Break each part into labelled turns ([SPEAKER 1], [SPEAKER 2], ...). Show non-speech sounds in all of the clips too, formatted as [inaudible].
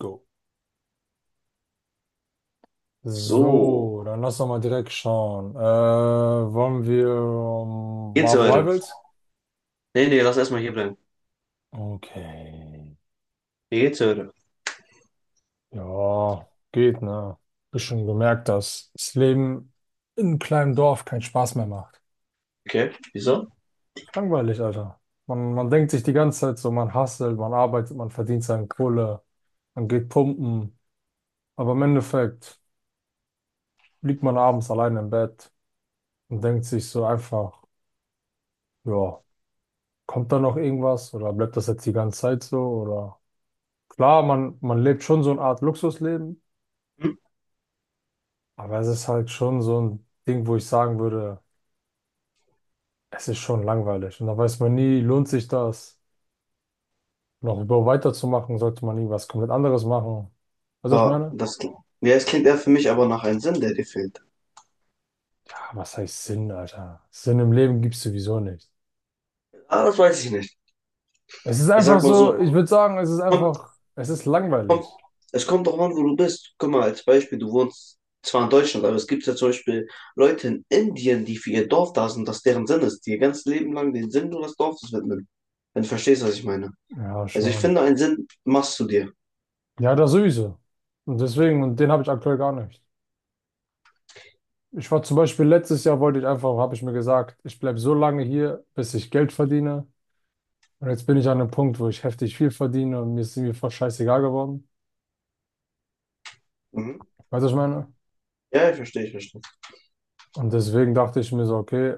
[SPEAKER 1] Go.
[SPEAKER 2] So.
[SPEAKER 1] So, dann lass doch mal direkt schauen. Wollen wir
[SPEAKER 2] Geht's
[SPEAKER 1] Marvel
[SPEAKER 2] heute?
[SPEAKER 1] Rivals?
[SPEAKER 2] Nee, nee, lass erstmal hier bleiben.
[SPEAKER 1] Okay.
[SPEAKER 2] Wie geht's heute?
[SPEAKER 1] Ja, geht, ne? Bist schon gemerkt, dass das Leben in einem kleinen Dorf keinen Spaß mehr macht.
[SPEAKER 2] Okay, wieso?
[SPEAKER 1] Langweilig, Alter. Man denkt sich die ganze Zeit so, man hustelt, man arbeitet, man verdient seine Kohle, man geht pumpen. Aber im Endeffekt liegt man abends allein im Bett und denkt sich so einfach, ja. Kommt da noch irgendwas oder bleibt das jetzt die ganze Zeit so? Oder klar, man lebt schon so eine Art Luxusleben,
[SPEAKER 2] Hm?
[SPEAKER 1] aber es ist halt schon so ein Ding, wo ich sagen würde, es ist schon langweilig. Und da weiß man nie, lohnt sich das, noch über weiterzumachen, sollte man irgendwas komplett anderes machen. Weißt du, was ich
[SPEAKER 2] Aber
[SPEAKER 1] meine?
[SPEAKER 2] das, ja, es klingt eher für mich aber nach einem Sinn, der dir fehlt.
[SPEAKER 1] Ja, was heißt Sinn, Alter? Sinn im Leben gibt es sowieso nicht.
[SPEAKER 2] Ah, das weiß ich nicht.
[SPEAKER 1] Es ist
[SPEAKER 2] Ich
[SPEAKER 1] einfach
[SPEAKER 2] sag mal
[SPEAKER 1] so,
[SPEAKER 2] so,
[SPEAKER 1] ich würde sagen, es ist
[SPEAKER 2] kommt,
[SPEAKER 1] einfach, es ist
[SPEAKER 2] kommt,
[SPEAKER 1] langweilig.
[SPEAKER 2] es kommt doch an, wo du bist. Guck mal, als Beispiel, du wohnst zwar in Deutschland, aber es gibt ja zum Beispiel Leute in Indien, die für ihr Dorf da sind, das deren Sinn ist, die ihr ganzes Leben lang den Sinn nur des Dorfes widmen. Wenn du verstehst, was ich meine.
[SPEAKER 1] Ja,
[SPEAKER 2] Also ich
[SPEAKER 1] schon.
[SPEAKER 2] finde, einen Sinn machst du dir.
[SPEAKER 1] Ja, das sowieso. Und deswegen, und den habe ich aktuell gar nicht. Ich war zum Beispiel letztes Jahr, wollte ich einfach, habe ich mir gesagt, ich bleibe so lange hier, bis ich Geld verdiene. Und jetzt bin ich an einem Punkt, wo ich heftig viel verdiene und mir ist irgendwie voll scheißegal geworden.
[SPEAKER 2] Mhm.
[SPEAKER 1] Weißt du, was ich meine?
[SPEAKER 2] Ja, ich verstehe, ich verstehe.
[SPEAKER 1] Und deswegen dachte ich mir so, okay,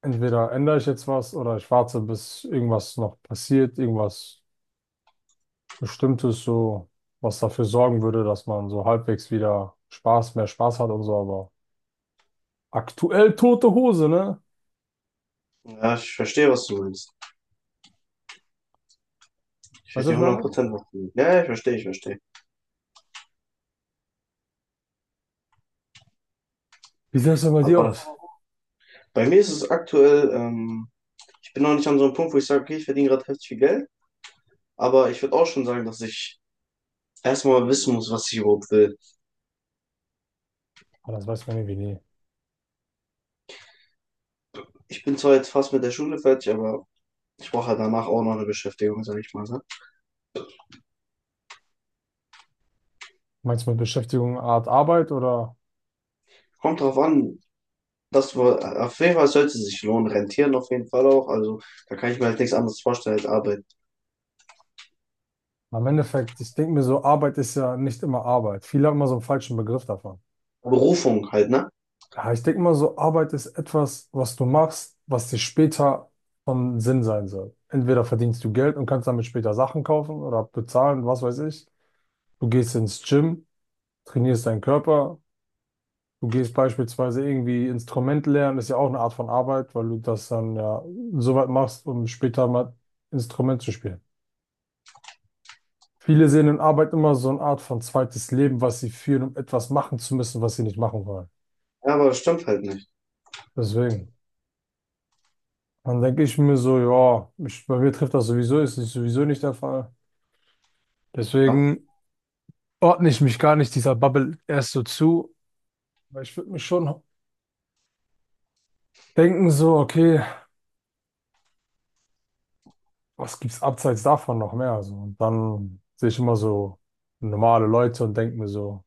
[SPEAKER 1] entweder ändere ich jetzt was oder ich warte, bis irgendwas noch passiert, irgendwas Bestimmtes so, was dafür sorgen würde, dass man so halbwegs wieder Spaß, mehr Spaß hat und so. Aber aktuell tote Hose, ne?
[SPEAKER 2] Ja, ich verstehe, was du meinst. Ich
[SPEAKER 1] Weißt du, was
[SPEAKER 2] verstehe
[SPEAKER 1] ich meine?
[SPEAKER 2] 100%, was du meinst. Ja, ja, ich verstehe, ich verstehe.
[SPEAKER 1] Wie sieht das denn bei dir
[SPEAKER 2] Aber
[SPEAKER 1] aus?
[SPEAKER 2] bei mir ist es aktuell, ich bin noch nicht an so einem Punkt, wo ich sage, okay, ich verdiene gerade heftig viel Geld, aber ich würde auch schon sagen, dass ich erstmal wissen muss, was ich überhaupt will.
[SPEAKER 1] Ah, das weiß man irgendwie nie.
[SPEAKER 2] Ich bin zwar jetzt fast mit der Schule fertig, aber ich brauche halt danach auch noch eine Beschäftigung, sage ich mal. Ne?
[SPEAKER 1] Meinst du mit Beschäftigung eine Art Arbeit oder?
[SPEAKER 2] Kommt drauf an, dass wir, auf jeden Fall sollte es sich lohnen, rentieren auf jeden Fall auch. Also da kann ich mir halt nichts anderes vorstellen als Arbeit.
[SPEAKER 1] Na, im Endeffekt, ich denke mir so, Arbeit ist ja nicht immer Arbeit. Viele haben immer so einen falschen Begriff davon.
[SPEAKER 2] Berufung halt, ne?
[SPEAKER 1] Ja, ich denke mal so, Arbeit ist etwas, was du machst, was dir später von Sinn sein soll. Entweder verdienst du Geld und kannst damit später Sachen kaufen oder bezahlen, was weiß ich. Du gehst ins Gym, trainierst deinen Körper. Du gehst beispielsweise irgendwie Instrument lernen, ist ja auch eine Art von Arbeit, weil du das dann ja so weit machst, um später mal Instrument zu spielen. Viele sehen in Arbeit immer so eine Art von zweites Leben, was sie führen, um etwas machen zu müssen, was sie nicht machen wollen.
[SPEAKER 2] Ja, aber das stimmt halt nicht.
[SPEAKER 1] Deswegen. Dann denke ich mir so, ja, ich, bei mir trifft das sowieso, ist das sowieso nicht der Fall.
[SPEAKER 2] Ja,
[SPEAKER 1] Deswegen ordne ich mich gar nicht dieser Bubble erst so zu, weil ich würde mir schon denken so, okay, was gibt's abseits davon noch mehr? So, und dann sehe ich immer so normale Leute und denke mir so,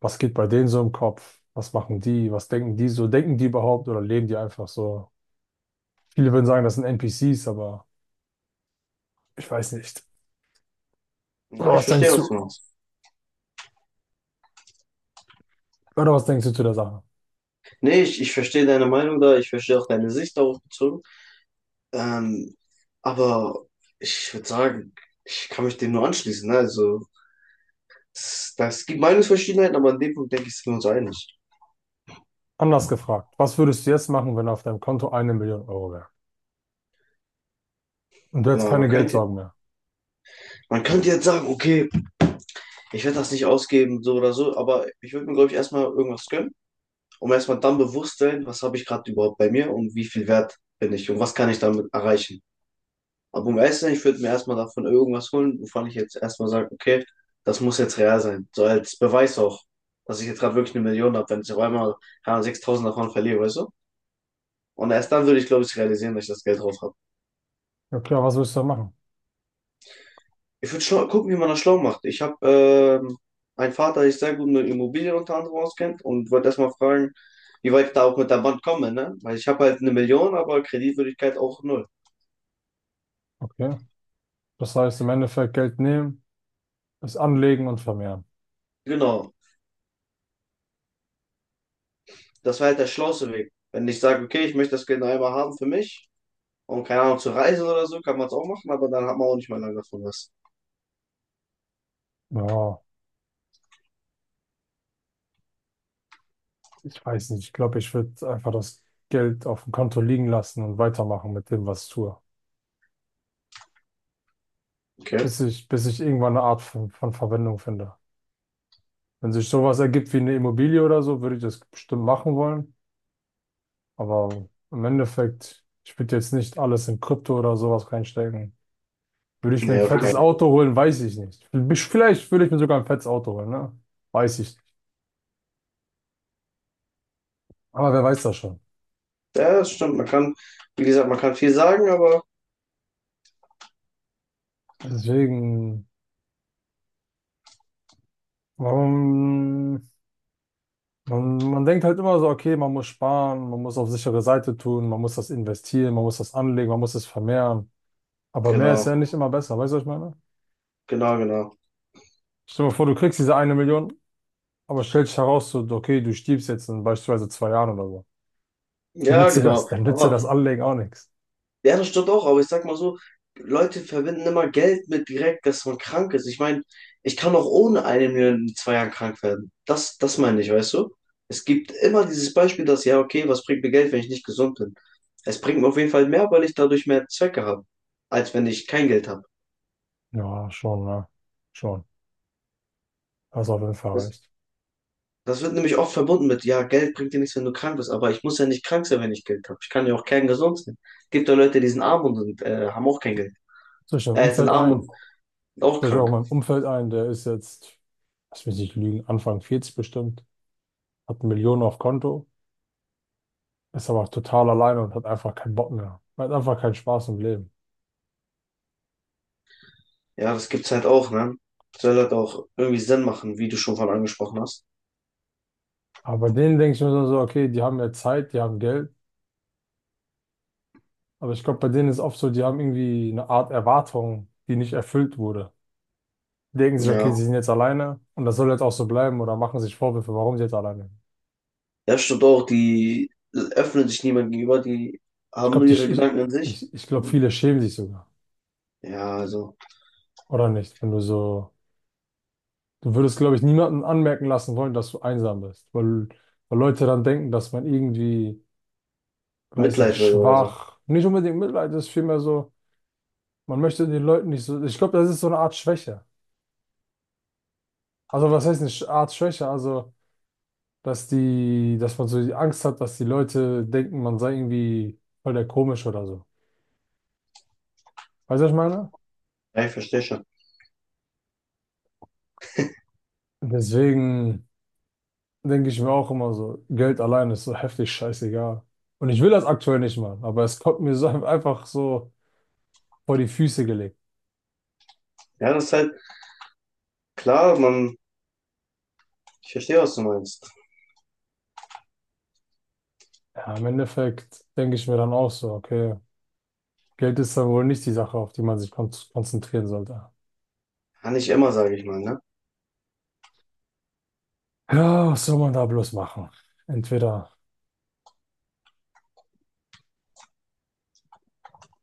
[SPEAKER 1] was geht bei denen so im Kopf? Was machen die? Was denken die so? Denken die überhaupt oder leben die einfach so? Viele würden sagen, das sind NPCs, aber ich weiß nicht.
[SPEAKER 2] ja
[SPEAKER 1] Oder
[SPEAKER 2] ich
[SPEAKER 1] was
[SPEAKER 2] verstehe
[SPEAKER 1] denkst
[SPEAKER 2] was du
[SPEAKER 1] du?
[SPEAKER 2] meinst.
[SPEAKER 1] Oder was denkst du zu der Sache?
[SPEAKER 2] Nee, ich verstehe deine Meinung da, ich verstehe auch deine Sicht darauf bezogen. Ähm, aber ich würde sagen, ich kann mich dem nur anschließen. Ne? Also, das gibt Meinungsverschiedenheiten, aber an dem Punkt denke ich, sind wir uns einig.
[SPEAKER 1] Anders gefragt, was würdest du jetzt machen, wenn auf deinem Konto eine Million Euro wäre? Und du
[SPEAKER 2] Guck
[SPEAKER 1] hättest keine Geldsorgen mehr.
[SPEAKER 2] man könnte jetzt sagen, okay, ich werde das nicht ausgeben, so oder so, aber ich würde mir, glaube ich, erstmal irgendwas gönnen, um erstmal dann bewusst sein, was habe ich gerade überhaupt bei mir und wie viel wert bin ich und was kann ich damit erreichen. Aber um ehrlich zu sein, ich würde mir erstmal davon irgendwas holen, wovon ich jetzt erstmal sage, okay, das muss jetzt real sein. So als Beweis auch, dass ich jetzt gerade wirklich eine Million habe, wenn ich auf einmal keine Ahnung, 6.000 davon verliere, weißt du? Und erst dann würde ich, glaube ich, realisieren, dass ich das Geld drauf habe.
[SPEAKER 1] Ja klar, was würdest du dann machen?
[SPEAKER 2] Ich würde schlau gucken, wie man das schlau macht. Ich habe einen Vater, der sich sehr gut mit Immobilien unter anderem auskennt und wollte erstmal fragen, wie weit ich da auch mit der Bank komme, ne? Weil ich habe halt eine Million, aber Kreditwürdigkeit auch null.
[SPEAKER 1] Okay. Das heißt, im Endeffekt Geld nehmen, es anlegen und vermehren.
[SPEAKER 2] Genau, das wäre halt der schlauste Weg. Wenn ich sage, okay, ich möchte das Geld noch einmal haben für mich. Und keine Ahnung, zu reisen oder so kann man es auch machen, aber dann hat man auch nicht mehr lange davon was.
[SPEAKER 1] Ja, ich weiß nicht. Ich glaube, ich würde einfach das Geld auf dem Konto liegen lassen und weitermachen mit dem, was ich tue.
[SPEAKER 2] Okay.
[SPEAKER 1] Bis ich irgendwann eine Art von Verwendung finde. Wenn sich sowas ergibt wie eine Immobilie oder so, würde ich das bestimmt machen wollen. Aber im Endeffekt, ich würde jetzt nicht alles in Krypto oder sowas reinstecken. Würde ich mir ein
[SPEAKER 2] Nee, auf
[SPEAKER 1] fettes
[SPEAKER 2] keinen Fall.
[SPEAKER 1] Auto holen, weiß ich nicht. Vielleicht würde ich mir sogar ein fettes Auto holen, ne? Weiß ich nicht. Aber wer weiß das schon?
[SPEAKER 2] Ja, das stimmt. Man kann, wie gesagt, man kann viel sagen, aber
[SPEAKER 1] Deswegen, warum, man denkt halt immer so, okay, man muss sparen, man muss auf sichere Seite tun, man muss das investieren, man muss das anlegen, man muss es vermehren. Aber mehr ist
[SPEAKER 2] genau,
[SPEAKER 1] ja nicht immer besser, weißt du, was ich meine?
[SPEAKER 2] genau, genau.
[SPEAKER 1] Stell dir mal vor, du kriegst diese eine Million, aber stellt sich heraus, so, okay, du stirbst jetzt in beispielsweise zwei Jahren oder so.
[SPEAKER 2] Ja,
[SPEAKER 1] Nützt dir das,
[SPEAKER 2] genau.
[SPEAKER 1] dann nützt dir
[SPEAKER 2] Aber
[SPEAKER 1] das Anlegen auch nichts.
[SPEAKER 2] ja, das stimmt auch. Aber ich sag mal so, Leute verbinden immer Geld mit direkt, dass man krank ist. Ich meine, ich kann auch ohne eine Million in 2 Jahren krank werden. Das meine ich, weißt du? Es gibt immer dieses Beispiel, dass, ja, okay, was bringt mir Geld, wenn ich nicht gesund bin? Es bringt mir auf jeden Fall mehr, weil ich dadurch mehr Zwecke habe, als wenn ich kein Geld habe.
[SPEAKER 1] Ja, schon, ne? Schon. Hast auf jeden Fall recht.
[SPEAKER 2] Das wird nämlich oft verbunden mit, ja, Geld bringt dir nichts, wenn du krank bist, aber ich muss ja nicht krank sein, wenn ich Geld habe. Ich kann ja auch kerngesund sein. Es gibt ja Leute, die sind arm und sind, haben auch kein Geld.
[SPEAKER 1] Soll ich deinem
[SPEAKER 2] Sind
[SPEAKER 1] Umfeld
[SPEAKER 2] arm und
[SPEAKER 1] ein?
[SPEAKER 2] sind auch
[SPEAKER 1] Soll ich auch in
[SPEAKER 2] krank.
[SPEAKER 1] meinem Umfeld ein? Der ist jetzt, lass mich nicht lügen, Anfang 40 bestimmt, hat Millionen auf Konto, ist aber total alleine und hat einfach keinen Bock mehr. Hat einfach keinen Spaß im Leben.
[SPEAKER 2] Ja, das gibt's halt auch, ne? Soll halt auch irgendwie Sinn machen, wie du schon von angesprochen hast.
[SPEAKER 1] Aber bei denen denke ich mir so, so, okay, die haben ja Zeit, die haben Geld. Aber ich glaube, bei denen ist oft so, die haben irgendwie eine Art Erwartung, die nicht erfüllt wurde. Die denken sich, okay,
[SPEAKER 2] Ja.
[SPEAKER 1] sie sind jetzt alleine und das soll jetzt auch so bleiben oder machen sich Vorwürfe, warum sie jetzt alleine.
[SPEAKER 2] Ja, stimmt auch, die öffnen sich niemand gegenüber, die
[SPEAKER 1] Ich
[SPEAKER 2] haben
[SPEAKER 1] glaube,
[SPEAKER 2] nur
[SPEAKER 1] die,
[SPEAKER 2] ihre
[SPEAKER 1] ich,
[SPEAKER 2] Gedanken in sich.
[SPEAKER 1] ich, ich glaube,
[SPEAKER 2] Und
[SPEAKER 1] viele schämen sich sogar.
[SPEAKER 2] ja, also
[SPEAKER 1] Oder nicht? Wenn du so, du würdest, glaube ich, niemanden anmerken lassen wollen, dass du einsam bist, weil, weil Leute dann denken, dass man irgendwie, weiß nicht,
[SPEAKER 2] Mitleid will oder so.
[SPEAKER 1] schwach, nicht unbedingt Mitleid ist, vielmehr so, man möchte den Leuten nicht so, ich glaube, das ist so eine Art Schwäche. Also, was heißt eine Art Schwäche? Also, dass die, dass man so die Angst hat, dass die Leute denken, man sei irgendwie voll der komisch oder so. Weißt du, was ich meine?
[SPEAKER 2] Ja, ich verstehe schon.
[SPEAKER 1] Deswegen. Denke ich mir auch immer so, Geld allein ist so heftig scheißegal. Und ich will das aktuell nicht machen, aber es kommt mir so [laughs] einfach so vor die Füße gelegt.
[SPEAKER 2] Ja, das ist halt klar, man, ich verstehe, was du meinst.
[SPEAKER 1] Ja, im Endeffekt denke ich mir dann auch so, okay, Geld ist dann wohl nicht die Sache, auf die man sich konzentrieren sollte.
[SPEAKER 2] Kann nicht immer, sage ich mal, ne?
[SPEAKER 1] Ja, was soll man da bloß machen? Entweder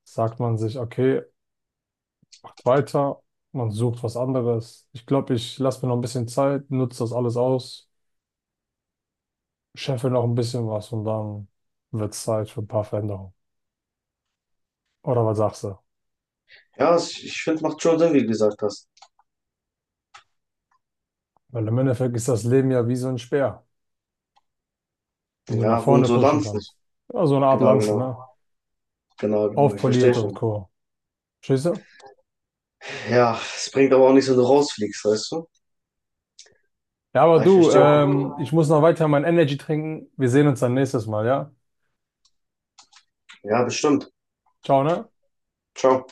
[SPEAKER 1] sagt man sich, okay, weiter, man sucht was anderes. Ich glaube, ich lasse mir noch ein bisschen Zeit, nutze das alles aus, scheffe noch ein bisschen was und dann wird es Zeit für ein paar Veränderungen. Oder was sagst du?
[SPEAKER 2] Ja, es- ich finde, macht schon Sinn, wie du gesagt hast.
[SPEAKER 1] Weil im Endeffekt ist das Leben ja wie so ein Speer, den du nach
[SPEAKER 2] Ja, und
[SPEAKER 1] vorne
[SPEAKER 2] so
[SPEAKER 1] pushen
[SPEAKER 2] Lanz nicht.
[SPEAKER 1] kannst. Ja, so eine Art
[SPEAKER 2] Genau,
[SPEAKER 1] Lanze,
[SPEAKER 2] genau.
[SPEAKER 1] ne?
[SPEAKER 2] Genau, genau. Ich
[SPEAKER 1] Aufpoliert
[SPEAKER 2] verstehe
[SPEAKER 1] und
[SPEAKER 2] schon.
[SPEAKER 1] Co. Verstehst du?
[SPEAKER 2] Ja, es bringt aber auch nichts, wenn du rausfliegst, weißt du?
[SPEAKER 1] Ja, aber
[SPEAKER 2] Ja, ich
[SPEAKER 1] du,
[SPEAKER 2] verstehe.
[SPEAKER 1] ich muss noch weiter mein Energy trinken. Wir sehen uns dann nächstes Mal, ja?
[SPEAKER 2] Ja, bestimmt.
[SPEAKER 1] Ciao, ne?
[SPEAKER 2] Ciao.